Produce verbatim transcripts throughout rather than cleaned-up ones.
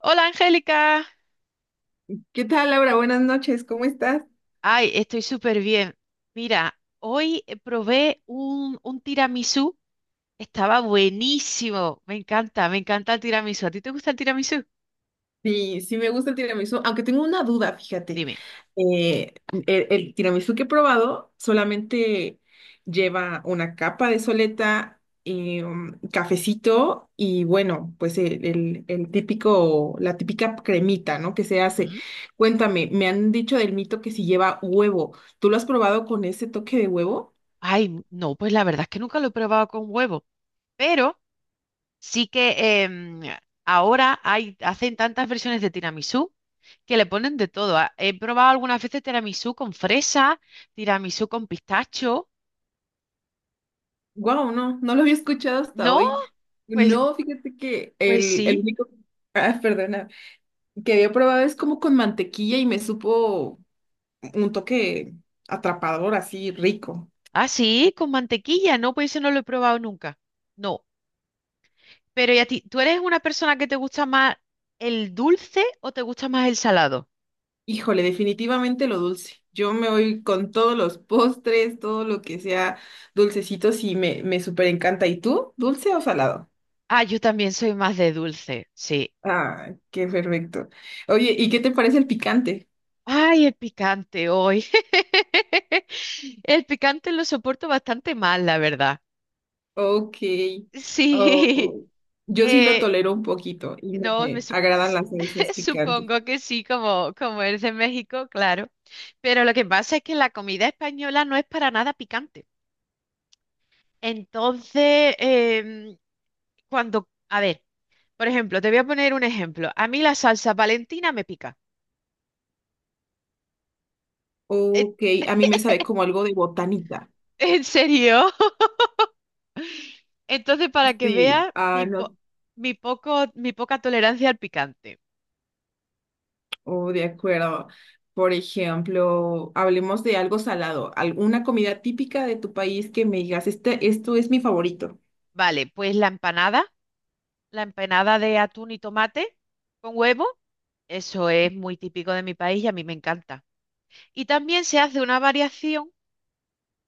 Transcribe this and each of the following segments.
Hola Angélica, ¿Qué tal, Laura? Buenas noches, ¿cómo estás? ay, estoy súper bien. Mira, hoy eh, probé un, un tiramisú, estaba buenísimo, me encanta, me encanta el tiramisú. ¿A ti te gusta el tiramisú? Sí, sí me gusta el tiramisú, aunque tengo una duda, fíjate. Dime. Eh, el, el tiramisú que he probado solamente lleva una capa de soleta, eh, um, cafecito y bueno, pues el, el- el típico, la típica cremita, ¿no? Que se hace. Ujú. Cuéntame, me han dicho del mito que si lleva huevo. ¿Tú lo has probado con ese toque de huevo? Ay, no, pues la verdad es que nunca lo he probado con huevo, pero sí que em, ahora hay, hacen tantas versiones de tiramisú que le ponen de todo. Ah, He probado algunas veces tiramisú con fresa, tiramisú con pistacho. Wow, no, no lo había escuchado hasta ¿No? hoy. Pues, No, fíjate que pues el, el sí. único, ah, perdona, que había probado es como con mantequilla y me supo un toque atrapador, así rico. Ah, sí, con mantequilla. No, pues ese no lo he probado nunca. No. Pero ¿y a ti? ¿Tú eres una persona que te gusta más el dulce o te gusta más el salado? Híjole, definitivamente lo dulce. Yo me voy con todos los postres, todo lo que sea dulcecitos y me, me súper encanta. ¿Y tú? ¿Dulce o salado? Ah, yo también soy más de dulce, sí. Ah, qué perfecto. Oye, ¿y qué te parece el picante? Ay, el picante hoy. El picante lo soporto bastante mal, la verdad. Ok. Sí. Oh, yo sí lo Eh, tolero un poquito y no no, me me sup- agradan s- las salsas picantes. supongo que sí, como, como eres de México, claro. Pero lo que pasa es que la comida española no es para nada picante. Entonces, em, cuando, a ver, por ejemplo, te voy a poner un ejemplo. A mí la salsa Valentina me pica. Eh, Ok, a mí me sabe como algo de botanita. ¿En serio? Entonces, para que Sí, veas ah, mi, no, po- mi poco, mi poca tolerancia al picante. oh, de acuerdo. Por ejemplo, hablemos de algo salado, alguna comida típica de tu país que me digas, este, esto es mi favorito. Vale, pues la empanada, la empanada de atún y tomate con huevo, eso es muy típico de mi país y a mí me encanta. Y también se hace una variación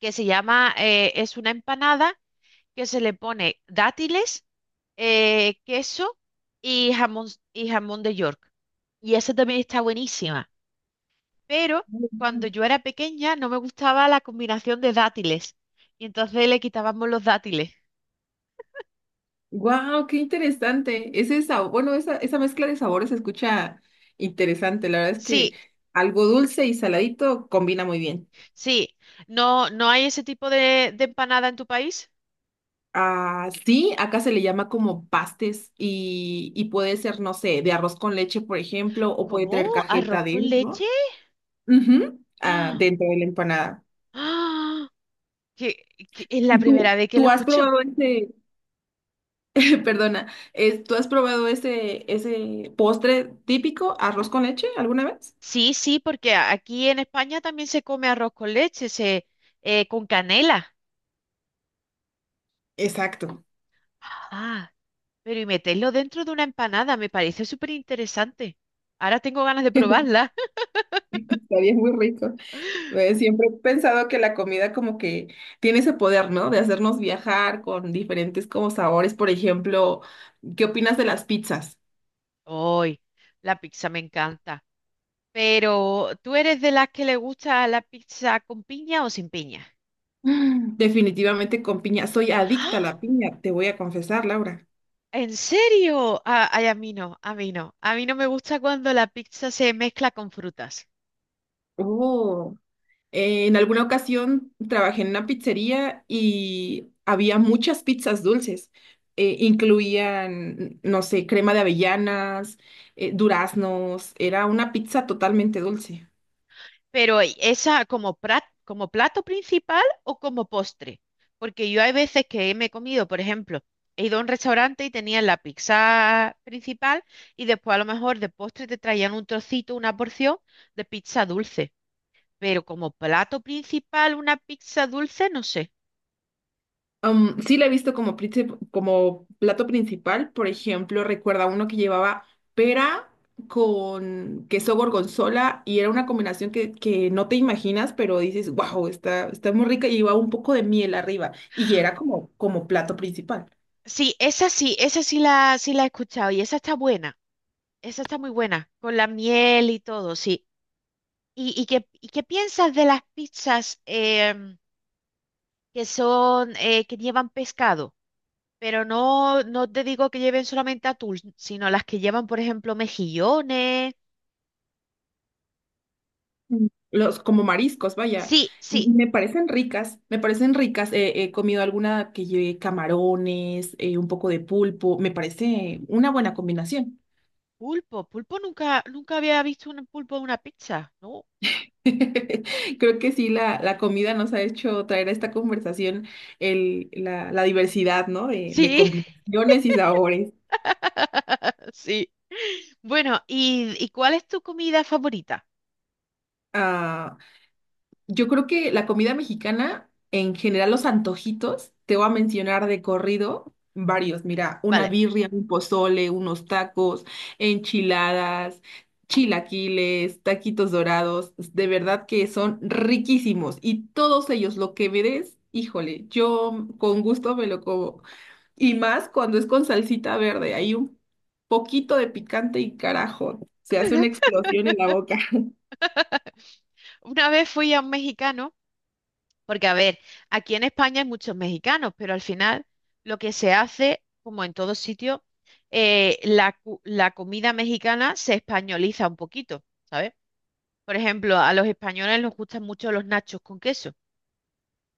que se llama, eh, es una empanada que se le pone dátiles eh, queso y jamón, y jamón de York. Y esa también está buenísima. Pero cuando yo era pequeña no me gustaba la combinación de dátiles. Y entonces le quitábamos los dátiles. Wow, qué interesante. Ese sabor, bueno, esa, esa mezcla de sabores se escucha interesante. La verdad es que Sí, algo dulce y saladito combina muy bien. sí. ¿No, no hay ese tipo de, de empanada en tu país? Ah, sí, acá se le llama como pastes y, y puede ser, no sé, de arroz con leche, por ejemplo, o puede ¿Cómo? traer ¿Arroz cajeta con leche? dentro. Ujú, ah, ¡Ah! dentro de la empanada. ¡Ah! Que, que es la primera ¿Tú, vez que lo tú has escucho. probado ese, perdona, es- ¿tú has probado ese, ese postre típico, arroz con leche, alguna vez? Sí, sí, porque a- aquí en España también se come arroz con leche, se, eh, con canela. Exacto. Ah, pero y meterlo dentro de una empanada, me parece súper interesante. Ahora tengo ganas de probarla. Estaría muy rico. Eh, Siempre he pensado que la comida como que tiene ese poder, ¿no? De hacernos viajar con diferentes como sabores. Por ejemplo, ¿qué opinas de las pizzas? Hoy, la pizza me encanta. Pero, ¿tú eres de las que le gusta la pizza con piña o sin piña? Mm, definitivamente con piña. Soy adicta a la piña, te voy a confesar, Laura. ¿En serio? Ah, ay, a mí no, a mí no. A mí no me gusta cuando la pizza se mezcla con frutas. Oh. Eh, en alguna ocasión trabajé en una pizzería y había muchas pizzas dulces. Eh, incluían, no sé, crema de avellanas, eh, duraznos. Era una pizza totalmente dulce. Pero esa como, pra- como plato principal o como postre. Porque yo hay veces que me he comido, por ejemplo, he ido a un restaurante y tenía la pizza principal y después a lo mejor de postre te traían un trocito, una porción de pizza dulce. Pero como plato principal, una pizza dulce, no sé. Um, sí la he visto como, princip- como plato principal, por ejemplo, recuerda uno que llevaba pera con queso gorgonzola y era una combinación que, que no te imaginas, pero dices, wow, está, está muy rica y llevaba un poco de miel arriba y era como, como plato principal. Sí, esa sí, esa sí la, sí la he escuchado y esa está buena. Esa está muy buena, con la miel y todo, sí. ¿Y, y qué, ¿y qué piensas de las pizzas? Em, que son, eh, que llevan pescado, pero no, no te digo que lleven solamente atún, sino las que llevan, por ejemplo, mejillones. Mm. Los, como mariscos, vaya, Sí, m- sí, me parecen ricas, me parecen ricas. Eh, he comido alguna que lleve camarones, eh, un poco de pulpo, me parece una buena combinación. pulpo. Pulpo nunca, nunca había visto un pulpo en una pizza, ¿no? Creo que sí, la, la comida nos ha hecho traer a esta conversación el, la, la diversidad, ¿no? De, de Sí, combinaciones y sabores. sí. Bueno, ¿y, ¿y cuál es tu comida favorita? Ah, yo creo que la comida mexicana, en general los antojitos, te voy a mencionar de corrido varios. Mira, una Vale, birria, un pozole, unos tacos, enchiladas, chilaquiles, taquitos dorados. De verdad que son riquísimos. Y todos ellos, lo que me des, híjole, yo con gusto me lo como. Y más cuando es con salsita verde, hay un poquito de picante y carajo, se hace una explosión en la boca. una vez fui a un mexicano. Porque, a ver, aquí en España hay muchos mexicanos, pero al final lo que se hace, como en todo sitio, eh, la, cu- la comida mexicana se españoliza un poquito, ¿sabes? Por ejemplo, a los españoles nos gustan mucho los nachos con queso,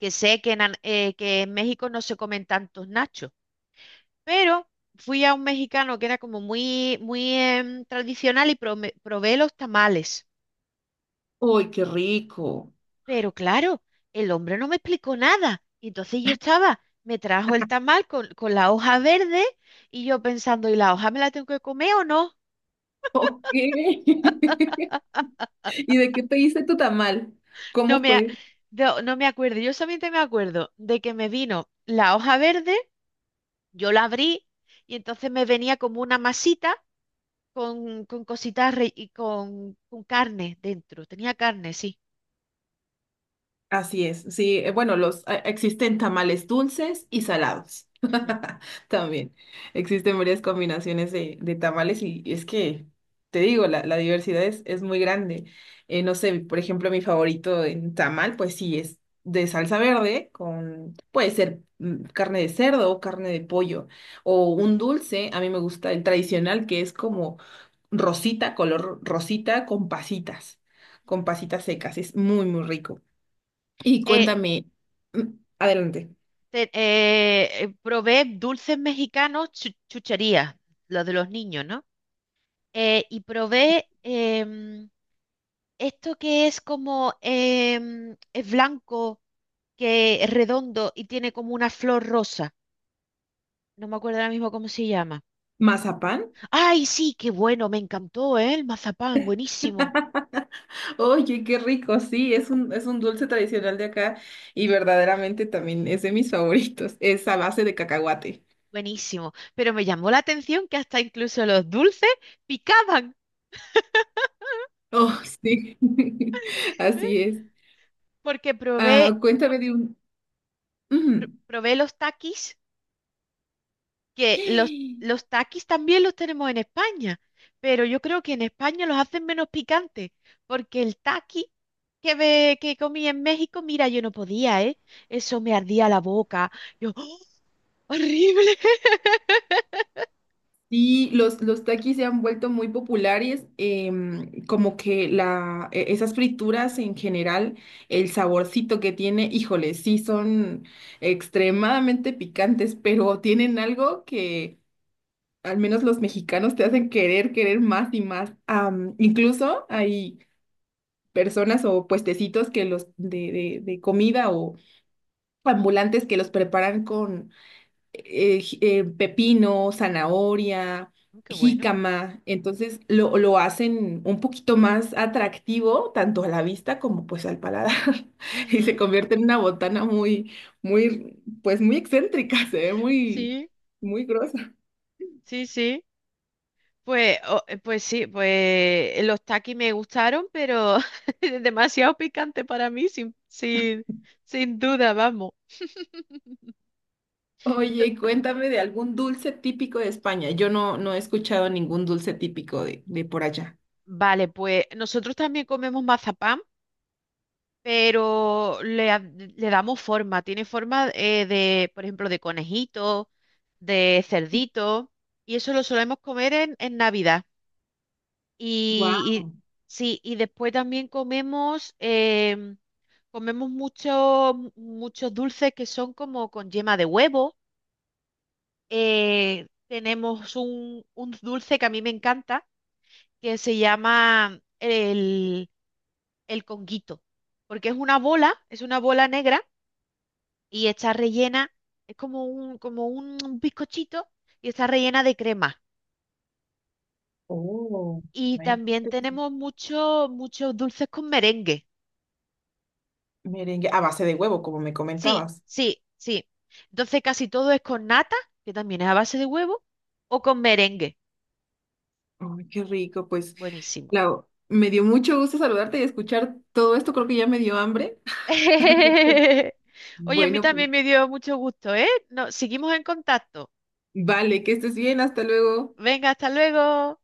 que sé que en, An- eh, que en México no se comen tantos nachos, pero fui a un mexicano que era como muy, muy em, tradicional y prome- probé los tamales. ¡Uy, qué rico! Pero claro, el hombre no me explicó nada. Y entonces yo estaba, me trajo el tamal con, con la hoja verde y yo pensando, ¿y la hoja me la tengo que comer o no? Ok. ¿Y de qué pediste tu tamal? No ¿Cómo me, a- fue? no, no me acuerdo. Yo solamente me acuerdo de que me vino la hoja verde, yo la abrí y entonces me venía como una masita con, con cositas re- y con, con carne dentro. Tenía carne, sí. Así es, sí, eh, bueno, los eh, existen tamales dulces y salados. Ujú. También existen varias combinaciones de, de tamales y, es que, te digo, la, la diversidad es, es muy grande. Eh, no sé, por ejemplo, mi favorito en tamal, pues sí, es de salsa verde con, puede ser mm, carne de cerdo o carne de pollo o un dulce, a mí me gusta el tradicional que es como rosita, color rosita con pasitas, con pasitas secas, es muy, muy rico. Y Eh, cuéntame, mm, adelante. te- eh, eh, probé dulces mexicanos, chu- chucherías, los de los niños, ¿no? eh, y probé em, esto que es como em, es blanco, que es redondo y tiene como una flor rosa. No me acuerdo ahora mismo cómo se llama. ¿Mazapán? ¡Ay, sí! ¡Qué bueno! Me encantó, ¿eh? El mazapán, buenísimo, Oye, qué rico, sí, es un, es un dulce tradicional de acá y verdaderamente también es de mis favoritos. Es a base de cacahuate. buenísimo. Pero me llamó la atención que hasta incluso los dulces picaban, Oh, sí, así es. porque probé, Ah, cuéntame de un… Ujú. pr- probé los taquis que los, los taquis también los tenemos en España, pero yo creo que en España los hacen menos picantes, porque el taqui que, ve- que comí en México, mira, yo no podía, ¿eh? Eso me ardía la boca. Yo, ¡oh! ¡Horrible! Sí, los, los takis se han vuelto muy populares, em, como que la, e- esas frituras en general, el saborcito que tiene, híjole, sí son extremadamente picantes, pero tienen algo que al menos los mexicanos te hacen querer, querer más y más. Am, incluso hay personas o puestecitos que los de, de de comida o ambulantes que los preparan eh, ji- eh, pepino, zanahoria, Qué bueno. jícama. Entonces lo, lo hacen un poquito más atractivo, tanto a la vista como pues al paladar. Y se Ujú, convierte en una botana muy, muy, pues muy excéntrica, se ve muy, sí, muy grosa. sí, sí. Pues, o- eh, pues sí, pues los taquis me gustaron, pero demasiado picante para mí, sin, sin, sin duda, vamos. Oye, cuéntame de algún dulce típico de España. Yo no, no he escuchado ningún dulce típico de, de por allá. Vale, pues nosotros también comemos mazapán, pero le, ha- le damos forma. Tiene forma eh, de, por ejemplo, de conejito, de cerdito, y eso lo solemos comer en, en Navidad. Y, y- Wow. sí, y después también comemos, em, comemos mucho- muchos dulces que son como con yema de huevo. Eh, tenemos un, un dulce que a mí me encanta, que se llama el conguito, porque es una bola, es una bola negra y está rellena, es como un, como un, un bizcochito y está rellena de crema. Oh, Y bueno, también entonces, tenemos muchos muchos dulces con merengue. merengue a base de huevo, como me Sí, comentabas. sí, sí. Entonces casi todo es con nata, que también es a base de huevo, o con merengue. Ay, qué rico, pues, Buenísimo. Lau, me dio mucho gusto saludarte y escuchar todo esto, creo que ya me dio hambre. Oye, a mí Bueno, pues, también me dio mucho gusto, ¿eh? No, seguimos en contacto. vale, que estés bien, hasta luego. Venga, hasta luego.